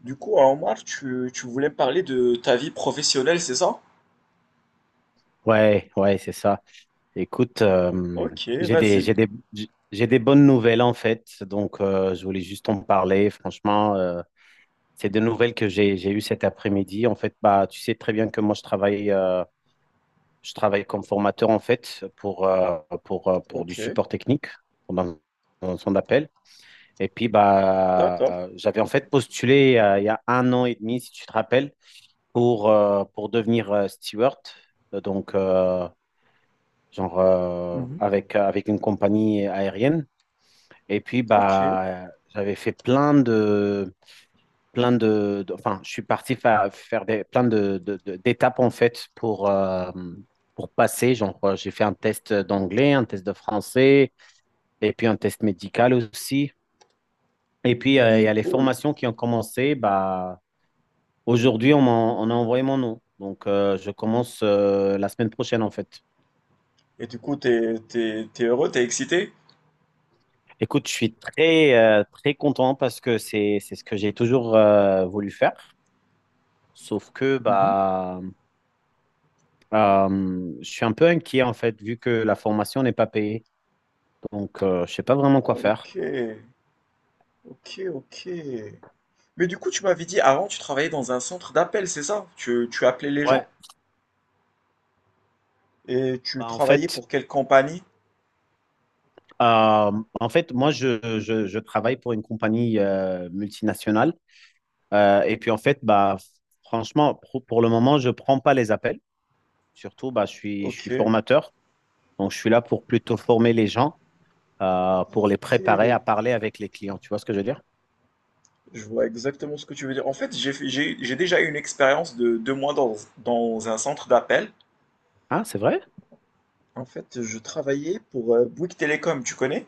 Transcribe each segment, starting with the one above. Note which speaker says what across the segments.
Speaker 1: Du coup, hein, Omar, tu voulais me parler de ta vie professionnelle, c'est ça?
Speaker 2: Ouais, ouais, c'est ça. Écoute,
Speaker 1: Ok,
Speaker 2: j'ai des,
Speaker 1: vas-y.
Speaker 2: j'ai des, j'ai des bonnes nouvelles en fait, donc je voulais juste en parler. Franchement, c'est des nouvelles que j'ai eues cet après-midi. En fait, bah, tu sais très bien que moi je travaille comme formateur en fait pour, pour du
Speaker 1: Ok,
Speaker 2: support technique pendant son appel. Et puis bah,
Speaker 1: d'accord.
Speaker 2: j'avais en fait postulé il y a un an et demi, si tu te rappelles, pour devenir steward. Donc, genre
Speaker 1: Mhm.
Speaker 2: avec, avec une compagnie aérienne. Et puis,
Speaker 1: Ok,
Speaker 2: bah, j'avais fait enfin, je suis parti faire des, plein d'étapes en fait pour passer. Genre, j'ai fait un test d'anglais, un test de français, et puis un test médical aussi. Et puis, il y
Speaker 1: c'est
Speaker 2: a les
Speaker 1: cool.
Speaker 2: formations qui ont commencé. Bah, aujourd'hui, on a envoyé mon nom. Donc, je commence la semaine prochaine en fait.
Speaker 1: Et du coup, t'es heureux, t'es excité?
Speaker 2: Écoute, je suis très, très content parce que c'est ce que j'ai toujours voulu faire. Sauf que
Speaker 1: Mhm.
Speaker 2: bah, je suis un peu inquiet en fait, vu que la formation n'est pas payée. Donc, je ne sais pas vraiment
Speaker 1: Ah,
Speaker 2: quoi
Speaker 1: ok,
Speaker 2: faire.
Speaker 1: ok, ok. Mais du coup, tu m'avais dit avant, tu travaillais dans un centre d'appel, c'est ça? Tu appelais les
Speaker 2: Ouais,
Speaker 1: gens et tu
Speaker 2: bah,
Speaker 1: travaillais pour quelle compagnie?
Speaker 2: euh, en fait, moi, je travaille pour une compagnie multinationale. Et puis, en fait, bah, franchement, pour le moment, je ne prends pas les appels. Surtout, bah, je
Speaker 1: Ok.
Speaker 2: suis formateur. Donc, je suis là pour plutôt former les gens.
Speaker 1: Ah,
Speaker 2: Pour les
Speaker 1: ok,
Speaker 2: préparer à parler avec les clients. Tu vois ce que je veux dire?
Speaker 1: je vois exactement ce que tu veux dire. En fait, j'ai déjà eu une expérience de 2 mois dans un centre d'appel.
Speaker 2: Ah, c'est vrai?
Speaker 1: En fait, je travaillais pour Bouygues Télécom, tu connais?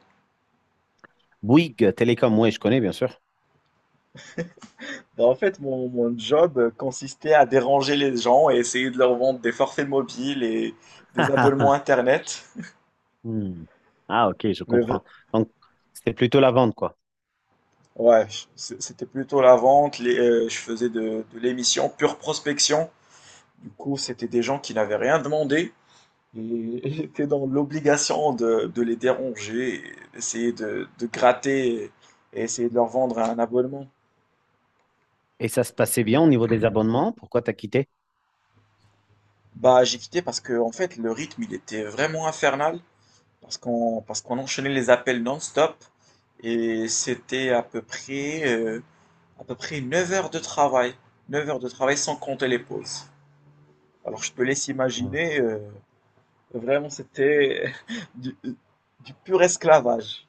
Speaker 2: Bouygues Télécom, oui, je connais, bien sûr.
Speaker 1: Ben, en fait, mon job consistait à déranger les gens et essayer de leur vendre des forfaits mobiles et des abonnements
Speaker 2: Ah,
Speaker 1: Internet.
Speaker 2: hmm. Ah, ok, je
Speaker 1: Mais vra-
Speaker 2: comprends. Donc, c'était plutôt la vente, quoi.
Speaker 1: ouais, c'était plutôt la vente. Je faisais de l'émission pure prospection. Du coup, c'était des gens qui n'avaient rien demandé et j'étais dans l'obligation de les déranger, et essayer de gratter et essayer de leur vendre un abonnement.
Speaker 2: Et ça se passait bien au niveau des abonnements? Pourquoi t'as quitté?
Speaker 1: Bah, j'ai quitté parce que, en fait, le rythme, il était vraiment infernal, parce qu'on enchaînait les appels non-stop, et c'était à peu près 9 heures de travail. 9 heures de travail sans compter les pauses. Alors, je te laisse
Speaker 2: Hmm.
Speaker 1: imaginer, vraiment, c'était du, du pur esclavage.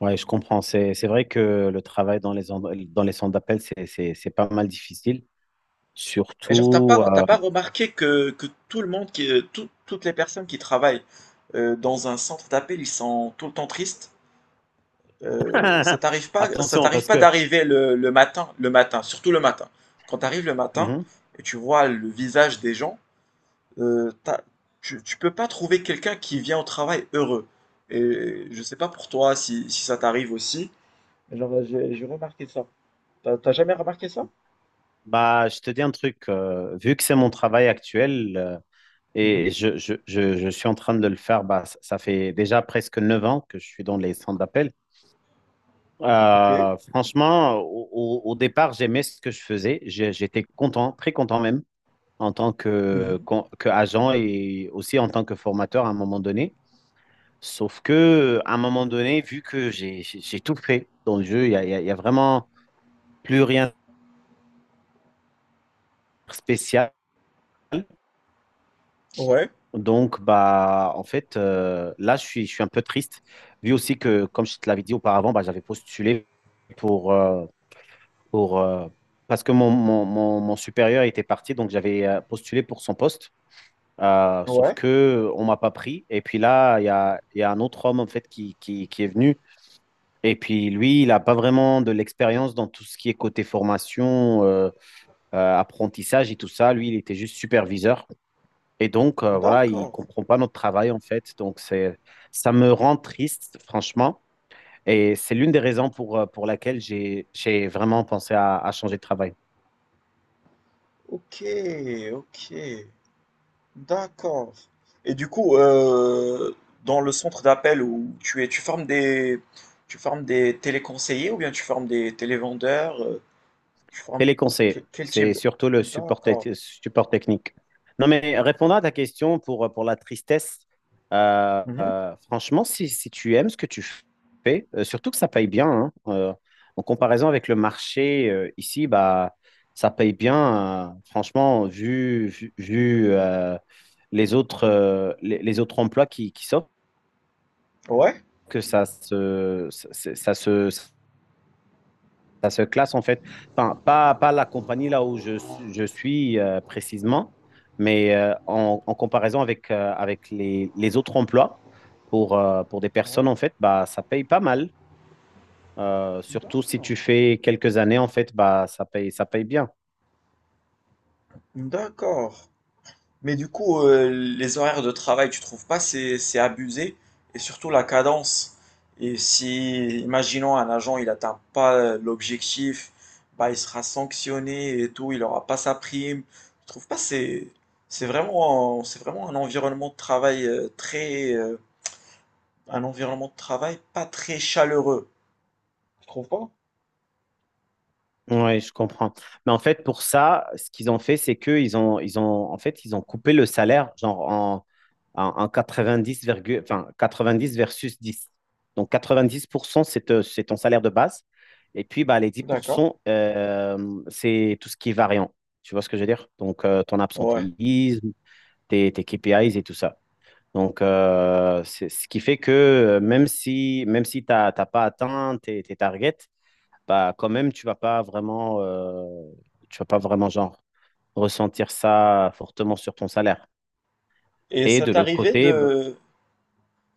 Speaker 2: Ouais, je comprends. C'est vrai que le travail dans les, dans les centres d'appel, c'est pas mal difficile.
Speaker 1: Et genre, t'as
Speaker 2: Surtout,
Speaker 1: pas, t'as pas remarqué que tout le monde, qui, tout- toutes les personnes qui travaillent dans un centre d'appel, ils sont tout le temps tristes? Euh, ça
Speaker 2: euh,
Speaker 1: t'arrive pas, ça
Speaker 2: attention,
Speaker 1: t'arrive
Speaker 2: parce
Speaker 1: pas
Speaker 2: que,
Speaker 1: d'arriver le matin, le matin, surtout le matin. Quand t'arrives le matin
Speaker 2: mhm,
Speaker 1: et tu vois le visage des gens, euh, t'as- tu peux pas trouver quelqu'un qui vient au travail heureux. Et je sais pas pour toi si ça t'arrive aussi. Mais genre, j'ai remarqué ça. T'as jamais remarqué ça?
Speaker 2: bah, je te dis un truc, vu que c'est mon travail actuel,
Speaker 1: Mhm.
Speaker 2: et je suis en train de le faire. Bah, ça fait déjà presque 9 ans que je suis dans les centres d'appel.
Speaker 1: Ok.
Speaker 2: Franchement, au départ, j'aimais ce que je faisais. J'étais content, très content même, en tant que,
Speaker 1: Mhm.
Speaker 2: que agent et aussi en tant que formateur à un moment donné. Sauf que, à un moment donné, vu que j'ai tout fait dans le jeu, il y a vraiment plus rien de spécial.
Speaker 1: Ouais.
Speaker 2: Donc, bah, en fait, là, je suis un peu triste, vu aussi que, comme je te l'avais dit auparavant, bah, j'avais postulé pour, euh, pour, euh, parce que mon supérieur était parti, donc j'avais postulé pour son poste. Sauf
Speaker 1: Ouais.
Speaker 2: que on m'a pas pris. Et puis là, il y a un autre homme, en fait, qui est venu. Et puis lui, il n'a pas vraiment de l'expérience dans tout ce qui est côté formation, apprentissage et tout ça. Lui, il était juste superviseur. Et donc, voilà, il
Speaker 1: D'accord.
Speaker 2: comprend pas notre travail, en fait. Donc, c'est, ça me rend triste, franchement. Et c'est l'une des raisons pour laquelle j'ai vraiment pensé à changer de travail.
Speaker 1: Ok, ok. D'accord. Et du coup, dans le centre d'appel où tu es, tu formes des téléconseillers ou bien tu formes des télévendeurs, tu formes
Speaker 2: Téléconseil,
Speaker 1: quel type
Speaker 2: c'est
Speaker 1: de.
Speaker 2: surtout le support,
Speaker 1: D'accord.
Speaker 2: support technique. Non, mais répondant à ta question pour la tristesse,
Speaker 1: Mhm.
Speaker 2: franchement, si, si tu aimes ce que tu fais, surtout que ça paye bien, hein, en comparaison avec le marché ici, bah, ça paye bien, franchement, vu, les autres, les autres emplois qui s'offrent,
Speaker 1: Ouais,
Speaker 2: que ça se classe en fait. Enfin, pas, pas la compagnie là où je suis précisément, mais en comparaison avec, avec les autres emplois pour des personnes en fait, bah, ça paye pas mal. Surtout si
Speaker 1: d'accord.
Speaker 2: tu fais quelques années en fait, bah, ça paye bien.
Speaker 1: D'accord. Mais du coup, les horaires de travail, tu trouves pas c'est abusé? Et surtout la cadence. Et si, imaginons, un agent, il n'atteint pas l'objectif, bah, il sera sanctionné et tout, il n'aura pas sa prime. Tu trouves pas c'est vraiment un environnement de travail, très un environnement de travail pas très chaleureux. Tu trouves pas?
Speaker 2: Ouais, je comprends. Mais en fait, pour ça, ce qu'ils ont fait, c'est que en fait, ils ont coupé le salaire genre en, en enfin, 90 versus 10. Donc 90%, c'est c'est ton salaire de base. Et puis, bah, les
Speaker 1: D'accord.
Speaker 2: 10%, c'est tout ce qui est variant. Tu vois ce que je veux dire? Donc, ton
Speaker 1: Ouais.
Speaker 2: absentéisme, tes KPIs et tout ça. Donc, c'est ce qui fait que même si tu n'as pas atteint tes, tes targets, bah quand même tu vas pas vraiment genre ressentir ça fortement sur ton salaire.
Speaker 1: Et
Speaker 2: Et
Speaker 1: ça
Speaker 2: de l'autre
Speaker 1: t'arrivait
Speaker 2: côté,
Speaker 1: de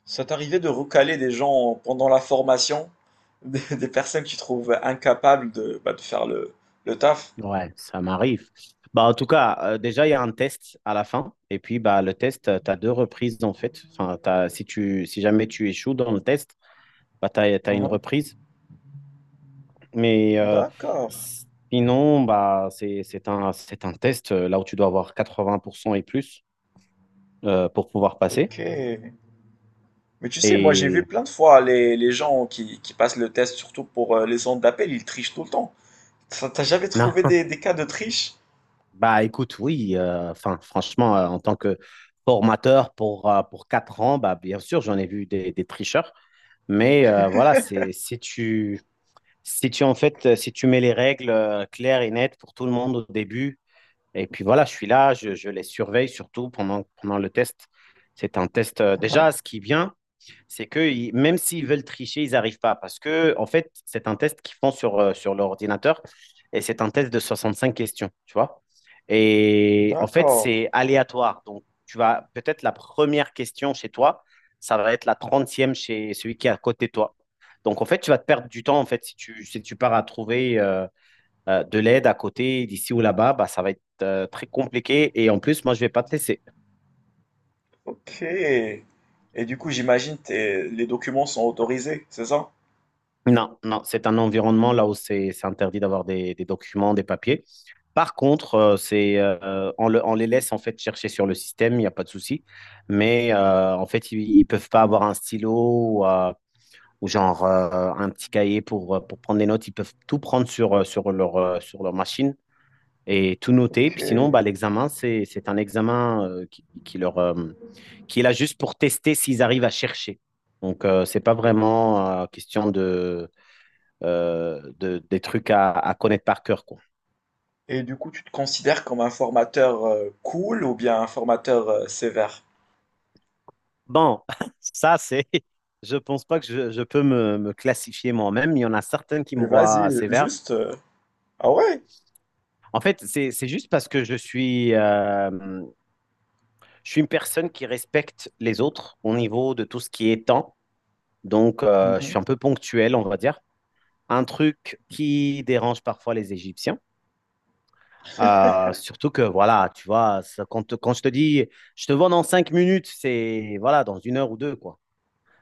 Speaker 1: Ça t'arrivait de recaler des gens pendant la formation, des personnes que tu trouves incapables de faire le taf?
Speaker 2: ouais, ça m'arrive. Bah en tout cas, déjà il y a un test à la fin et puis bah le test tu as deux reprises en fait. Enfin si tu si jamais tu échoues dans le test, bah tu as, une
Speaker 1: Mhm.
Speaker 2: reprise mais
Speaker 1: D'accord,
Speaker 2: sinon bah c'est un test là où tu dois avoir 80% et plus pour pouvoir
Speaker 1: ok.
Speaker 2: passer
Speaker 1: Mais tu sais, moi j'ai vu
Speaker 2: et
Speaker 1: plein de fois les gens qui passent le test, surtout pour les centres d'appel, ils trichent tout le temps. Ça, t'as jamais
Speaker 2: non.
Speaker 1: trouvé des cas de triche?
Speaker 2: Bah écoute, oui, enfin franchement, en tant que formateur pour 4 ans, bah, bien sûr, j'en ai vu des tricheurs. Mais voilà, c'est si tu en fait si tu mets les règles claires et nettes pour tout le monde au début, et puis voilà, je suis là, je les surveille surtout pendant, pendant le test. C'est un test
Speaker 1: Mhm.
Speaker 2: déjà, ce qui vient c'est que même s'ils veulent tricher, ils n'arrivent pas. Parce que, en fait, c'est un test qu'ils font sur, sur l'ordinateur et c'est un test de 65 questions, tu vois. Et en fait,
Speaker 1: D'accord,
Speaker 2: c'est aléatoire. Donc, tu vas peut-être la première question chez toi, ça va être la trentième chez celui qui est à côté de toi. Donc, en fait, tu vas te perdre du temps, en fait, si tu, si tu pars à trouver de l'aide à côté, d'ici ou là-bas, bah, ça va être très compliqué. Et en plus, moi, je ne vais pas te laisser.
Speaker 1: ok. Et du coup, j'imagine les documents sont autorisés, c'est ça?
Speaker 2: Non, non, c'est un environnement là où c'est interdit d'avoir des documents, des papiers. Par contre, on les laisse en fait chercher sur le système, il n'y a pas de souci. Mais en fait, ils ne peuvent pas avoir un stylo ou, genre un petit cahier pour prendre des notes. Ils peuvent tout prendre sur, sur leur machine et tout noter.
Speaker 1: Ok.
Speaker 2: Puis sinon, bah, l'examen, c'est un examen qui leur, qui est là juste pour tester s'ils arrivent à chercher. Donc, c'est pas vraiment question de des trucs à connaître par cœur, quoi.
Speaker 1: Et du coup, tu te considères comme un formateur cool ou bien un formateur sévère?
Speaker 2: Bon, ça, c'est. Je pense pas que je peux me classifier moi-même. Il y en a certaines qui
Speaker 1: Mais
Speaker 2: me voient
Speaker 1: vas-y,
Speaker 2: sévère.
Speaker 1: juste. Ah ouais?
Speaker 2: En fait, c'est juste parce que je suis une personne qui respecte les autres au niveau de tout ce qui est temps. Donc, je
Speaker 1: Mhm.
Speaker 2: suis un peu ponctuel, on va dire. Un truc qui dérange parfois les Égyptiens. Surtout que, voilà, tu vois, quand, quand je te dis, je te vois dans cinq minutes, c'est, voilà, dans une heure ou deux, quoi.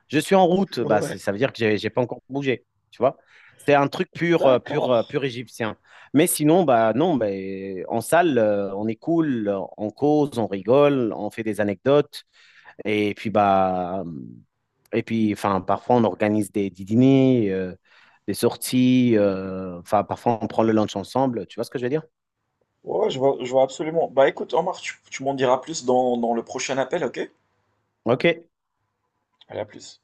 Speaker 2: Je suis en route, bah,
Speaker 1: Ouais,
Speaker 2: ça veut dire que j'ai pas encore bougé, tu vois. C'est un truc pur,
Speaker 1: d'accord.
Speaker 2: pur égyptien. Mais sinon, bah non, bah, en salle, on est cool, on cause, on rigole, on fait des anecdotes, et puis bah, et puis, enfin, parfois on organise des dîners, des sorties, enfin, parfois on prend le lunch ensemble, tu vois ce que je veux dire?
Speaker 1: Ouais, je vois absolument. Bah écoute, Omar, tu m'en diras plus dans le prochain appel, ok?
Speaker 2: Ok.
Speaker 1: Allez, à plus.